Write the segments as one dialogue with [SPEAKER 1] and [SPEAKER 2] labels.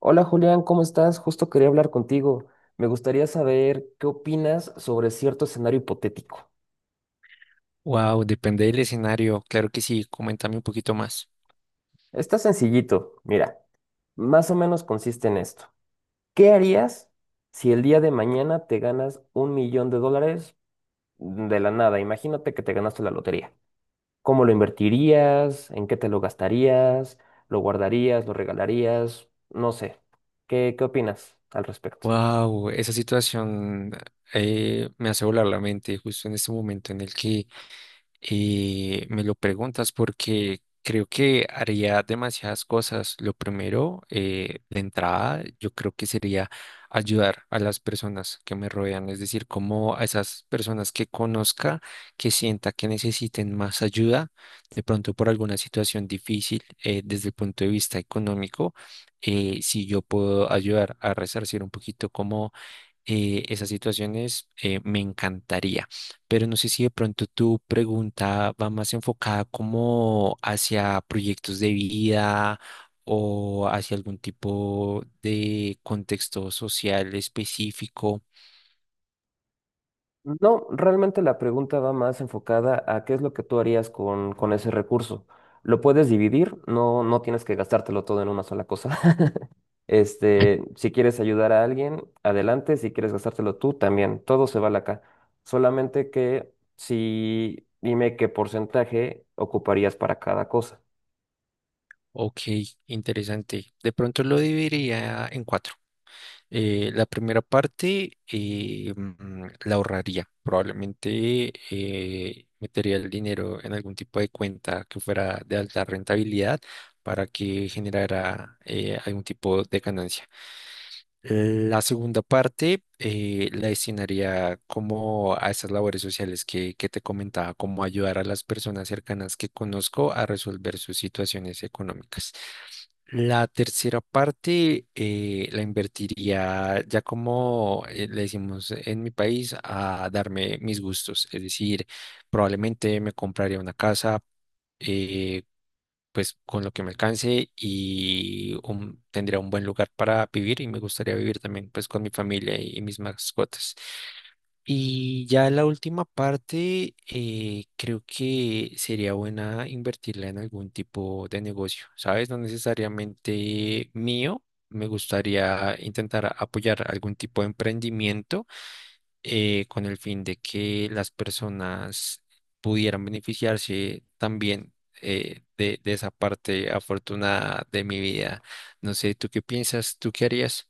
[SPEAKER 1] Hola Julián, ¿cómo estás? Justo quería hablar contigo. Me gustaría saber qué opinas sobre cierto escenario hipotético.
[SPEAKER 2] Wow, depende del escenario. Claro que sí, coméntame un poquito más.
[SPEAKER 1] Está sencillito, mira, más o menos consiste en esto. ¿Qué harías si el día de mañana te ganas un millón de dólares de la nada? Imagínate que te ganaste la lotería. ¿Cómo lo invertirías? ¿En qué te lo gastarías? ¿Lo guardarías? ¿Lo regalarías? No sé. ¿Qué opinas al respecto?
[SPEAKER 2] Wow, esa situación me hace volar la mente justo en este momento en el que me lo preguntas porque creo que haría demasiadas cosas. Lo primero, de entrada, yo creo que sería ayudar a las personas que me rodean, es decir, como a esas personas que conozca, que sienta que necesiten más ayuda, de pronto por alguna situación difícil, desde el punto de vista económico, si yo puedo ayudar a resarcir un poquito, como esas situaciones, me encantaría, pero no sé si de pronto tu pregunta va más enfocada como hacia proyectos de vida o hacia algún tipo de contexto social específico.
[SPEAKER 1] No, realmente la pregunta va más enfocada a qué es lo que tú harías con ese recurso. Lo puedes dividir, no, no tienes que gastártelo todo en una sola cosa. Este, si quieres ayudar a alguien, adelante. Si quieres gastártelo tú, también. Todo se vale acá. Solamente que si dime qué porcentaje ocuparías para cada cosa.
[SPEAKER 2] Ok, interesante. De pronto lo dividiría en cuatro. La primera parte, la ahorraría. Probablemente metería el dinero en algún tipo de cuenta que fuera de alta rentabilidad para que generara algún tipo de ganancia. La segunda parte, la destinaría como a esas labores sociales que te comentaba, como ayudar a las personas cercanas que conozco a resolver sus situaciones económicas. La tercera parte, la invertiría ya como le decimos en mi país, a darme mis gustos, es decir, probablemente me compraría una casa eh, pues con lo que me alcance, y tendría un buen lugar para vivir y me gustaría vivir también pues con mi familia y mis mascotas. Y ya la última parte, creo que sería buena invertirla en algún tipo de negocio, ¿sabes? No necesariamente mío. Me gustaría intentar apoyar algún tipo de emprendimiento con el fin de que las personas pudieran beneficiarse también, de esa parte afortunada de mi vida. No sé, ¿tú qué piensas? ¿Tú qué harías?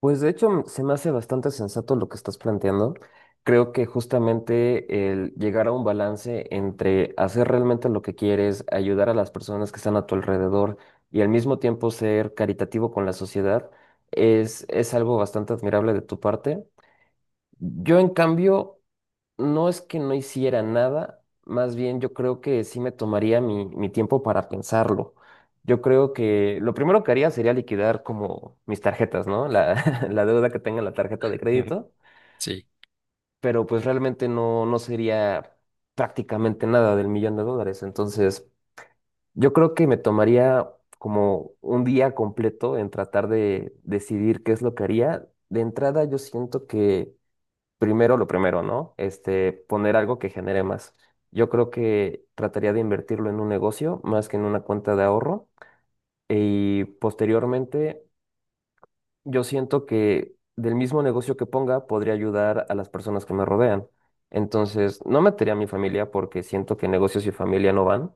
[SPEAKER 1] Pues de hecho se me hace bastante sensato lo que estás planteando. Creo que justamente el llegar a un balance entre hacer realmente lo que quieres, ayudar a las personas que están a tu alrededor y al mismo tiempo ser caritativo con la sociedad es algo bastante admirable de tu parte. Yo en cambio no es que no hiciera nada, más bien yo creo que sí me tomaría mi tiempo para pensarlo. Yo creo que lo primero que haría sería liquidar como mis tarjetas, ¿no? La, la deuda que tenga en la tarjeta de crédito,
[SPEAKER 2] Sí.
[SPEAKER 1] pero pues realmente no, no sería prácticamente nada del millón de dólares. Entonces, yo creo que me tomaría como un día completo en tratar de decidir qué es lo que haría. De entrada, yo siento que primero lo primero, ¿no? Este, poner algo que genere más. Yo creo que trataría de invertirlo en un negocio más que en una cuenta de ahorro y posteriormente yo siento que del mismo negocio que ponga podría ayudar a las personas que me rodean. Entonces, no metería a mi familia porque siento que negocios y familia no van,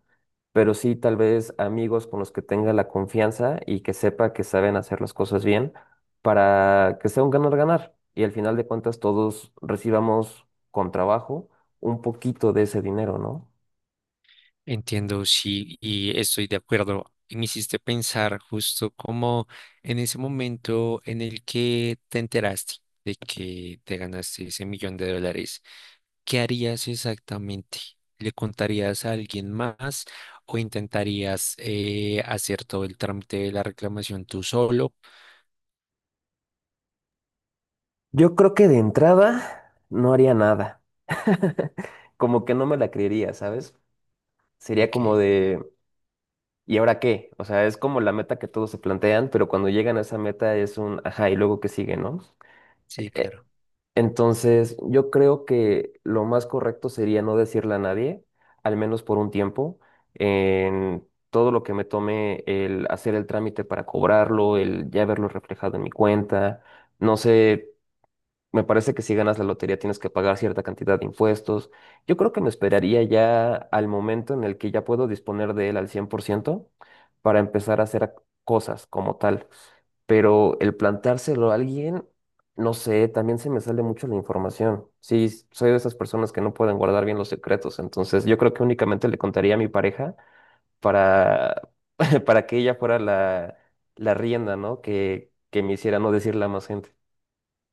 [SPEAKER 1] pero sí tal vez amigos con los que tenga la confianza y que sepa que saben hacer las cosas bien para que sea un ganar-ganar. Y al final de cuentas todos recibamos con trabajo un poquito de ese dinero, ¿no?
[SPEAKER 2] Entiendo, sí, y estoy de acuerdo. Y me hiciste pensar justo como en ese momento en el que te enteraste de que te ganaste ese millón de dólares. ¿Qué harías exactamente? ¿Le contarías a alguien más o intentarías hacer todo el trámite de la reclamación tú solo?
[SPEAKER 1] Yo creo que de entrada no haría nada. Como que no me la creería, ¿sabes? Sería
[SPEAKER 2] Ok,
[SPEAKER 1] como de... ¿Y ahora qué? O sea, es como la meta que todos se plantean, pero cuando llegan a esa meta es un, ajá, y luego qué sigue, ¿no?
[SPEAKER 2] sí,
[SPEAKER 1] E-
[SPEAKER 2] claro.
[SPEAKER 1] Entonces, yo creo que lo más correcto sería no decirle a nadie, al menos por un tiempo, en todo lo que me tome el hacer el trámite para cobrarlo, el ya verlo reflejado en mi cuenta, no sé. Me parece que si ganas la lotería tienes que pagar cierta cantidad de impuestos. Yo creo que me esperaría ya al momento en el que ya puedo disponer de él al 100% para empezar a hacer cosas como tal. Pero el plantárselo a alguien, no sé, también se me sale mucho la información. Sí, soy de esas personas que no pueden guardar bien los secretos. Entonces yo creo que únicamente le contaría a mi pareja para, para que ella fuera la, la rienda, ¿no? Que me hiciera no decirle a más gente.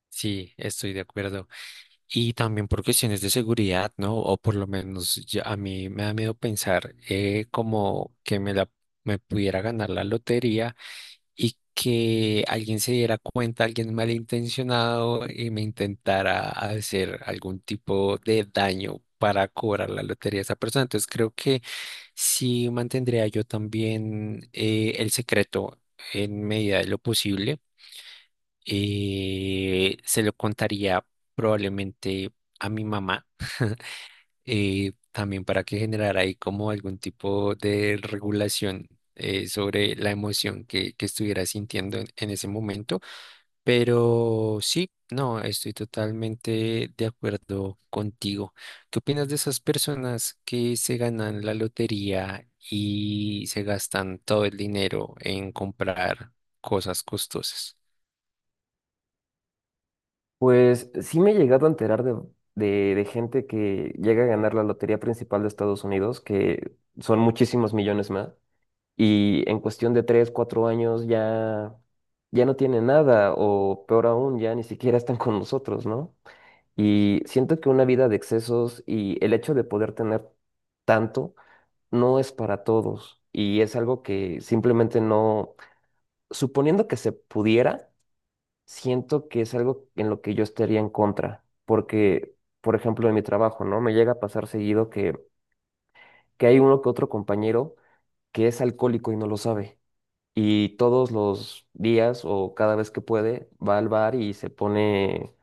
[SPEAKER 2] Sí, estoy de acuerdo. Y también por cuestiones de seguridad, ¿no? O por lo menos ya a mí me da miedo pensar, como que me pudiera ganar la lotería y que alguien se diera cuenta, alguien malintencionado, y me intentara hacer algún tipo de daño para cobrar la lotería a esa persona. Entonces creo que sí mantendría yo también, el secreto en medida de lo posible. Eh, se lo contaría probablemente a mi mamá, también para que generara ahí como algún tipo de regulación sobre la emoción que estuviera sintiendo en ese momento. Pero sí, no, estoy totalmente de acuerdo contigo. ¿Qué opinas de esas personas que se ganan la lotería y se gastan todo el dinero en comprar cosas costosas?
[SPEAKER 1] Pues sí me he llegado a enterar de gente que llega a ganar la lotería principal de Estados Unidos, que son muchísimos millones más, y en cuestión de tres, cuatro años ya, ya no tienen nada, o peor aún, ya ni siquiera están con nosotros, ¿no? Y siento que una vida de excesos y el hecho de poder tener tanto no es para todos, y es algo que simplemente no, suponiendo que se pudiera siento que es algo en lo que yo estaría en contra, porque, por ejemplo, en mi trabajo, ¿no? Me llega a pasar seguido que, hay uno que otro compañero que es alcohólico y no lo sabe. Y todos los días o cada vez que puede va al bar y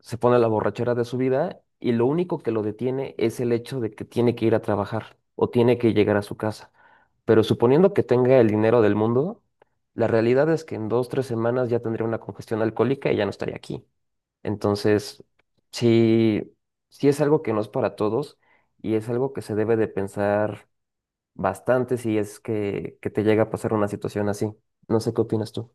[SPEAKER 1] se pone la borrachera de su vida y lo único que lo detiene es el hecho de que tiene que ir a trabajar o tiene que llegar a su casa. Pero suponiendo que tenga el dinero del mundo, la realidad es que en dos, tres semanas ya tendría una congestión alcohólica y ya no estaría aquí. Entonces, sí, sí es algo que no es para todos y es algo que se debe de pensar bastante si es que, te llega a pasar una situación así. No sé qué opinas tú.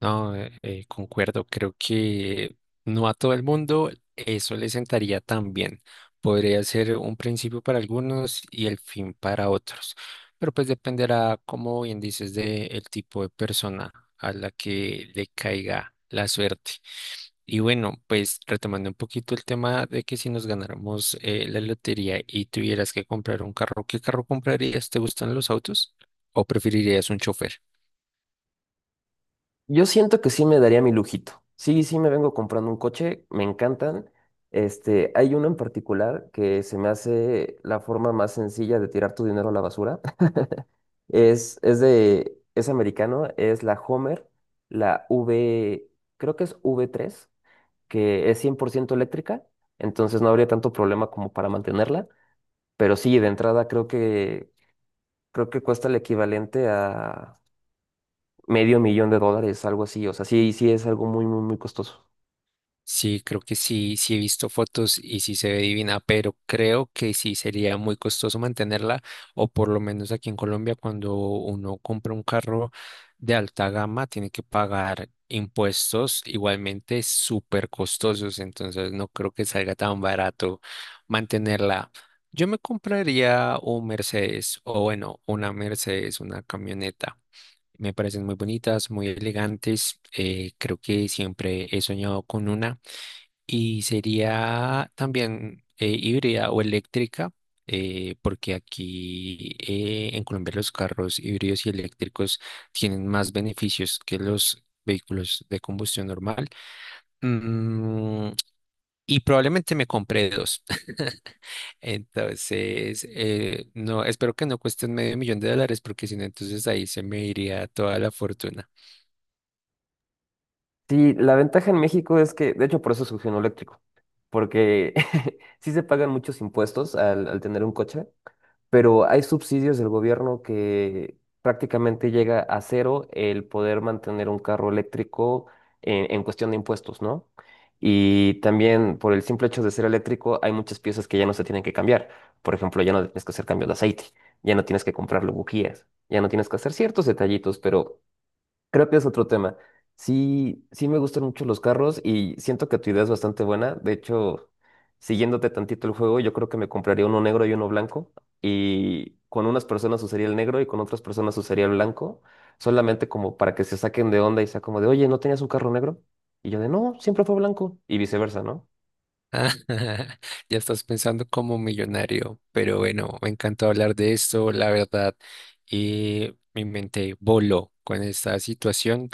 [SPEAKER 2] No, concuerdo, creo que no a todo el mundo eso le sentaría tan bien. Podría ser un principio para algunos y el fin para otros, pero pues dependerá, como bien dices, del tipo de persona a la que le caiga la suerte. Y bueno, pues retomando un poquito el tema de que si nos ganáramos la lotería y tuvieras que comprar un carro, ¿qué carro comprarías? ¿Te gustan los autos o preferirías un chofer?
[SPEAKER 1] Yo siento que sí me daría mi lujito. Sí, sí me vengo comprando un coche, me encantan. Este, hay uno en particular que se me hace la forma más sencilla de tirar tu dinero a la basura. Es americano, es la Homer, la V, creo que es V3 que es 100% eléctrica, entonces no habría tanto problema como para mantenerla, pero sí, de entrada creo que cuesta el equivalente a medio millón de dólares, algo así, o sea, sí, sí es algo muy, muy, muy costoso.
[SPEAKER 2] Sí, creo que sí, sí he visto fotos y sí se ve divina, pero creo que sí sería muy costoso mantenerla, o por lo menos aquí en Colombia, cuando uno compra un carro de alta gama, tiene que pagar impuestos igualmente súper costosos, entonces no creo que salga tan barato mantenerla. Yo me compraría un Mercedes, o bueno, una Mercedes, una camioneta. Me parecen muy bonitas, muy elegantes. Creo que siempre he soñado con una. Y sería también híbrida o eléctrica, porque aquí, en Colombia, los carros híbridos y eléctricos tienen más beneficios que los vehículos de combustión normal. Mm, y probablemente me compré dos. Entonces, no, espero que no cuesten medio millón de dólares, porque si no, entonces ahí se me iría toda la fortuna.
[SPEAKER 1] Sí, la ventaja en México es que, de hecho, por eso surgió en eléctrico, porque sí se pagan muchos impuestos al tener un coche, pero hay subsidios del gobierno que prácticamente llega a cero el poder mantener un carro eléctrico en cuestión de impuestos, ¿no? Y también por el simple hecho de ser eléctrico hay muchas piezas que ya no se tienen que cambiar. Por ejemplo, ya no tienes que hacer cambios de aceite, ya no tienes que comprarle bujías, ya no tienes que hacer ciertos detallitos, pero creo que es otro tema. Sí, sí me gustan mucho los carros y siento que tu idea es bastante buena. De hecho, siguiéndote tantito el juego, yo creo que me compraría uno negro y uno blanco. Y con unas personas usaría el negro y con otras personas usaría el blanco. Solamente como para que se saquen de onda y sea como de, oye, ¿no tenías un carro negro? Y yo de, no, siempre fue blanco. Y viceversa, ¿no?
[SPEAKER 2] Ah, ya estás pensando como millonario, pero bueno, me encantó hablar de esto, la verdad, y mi mente voló con esta situación.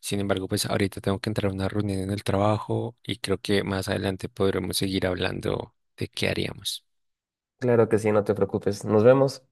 [SPEAKER 2] Sin embargo, pues ahorita tengo que entrar a una reunión en el trabajo y creo que más adelante podremos seguir hablando de qué haríamos.
[SPEAKER 1] Claro que sí, no te preocupes. Nos vemos.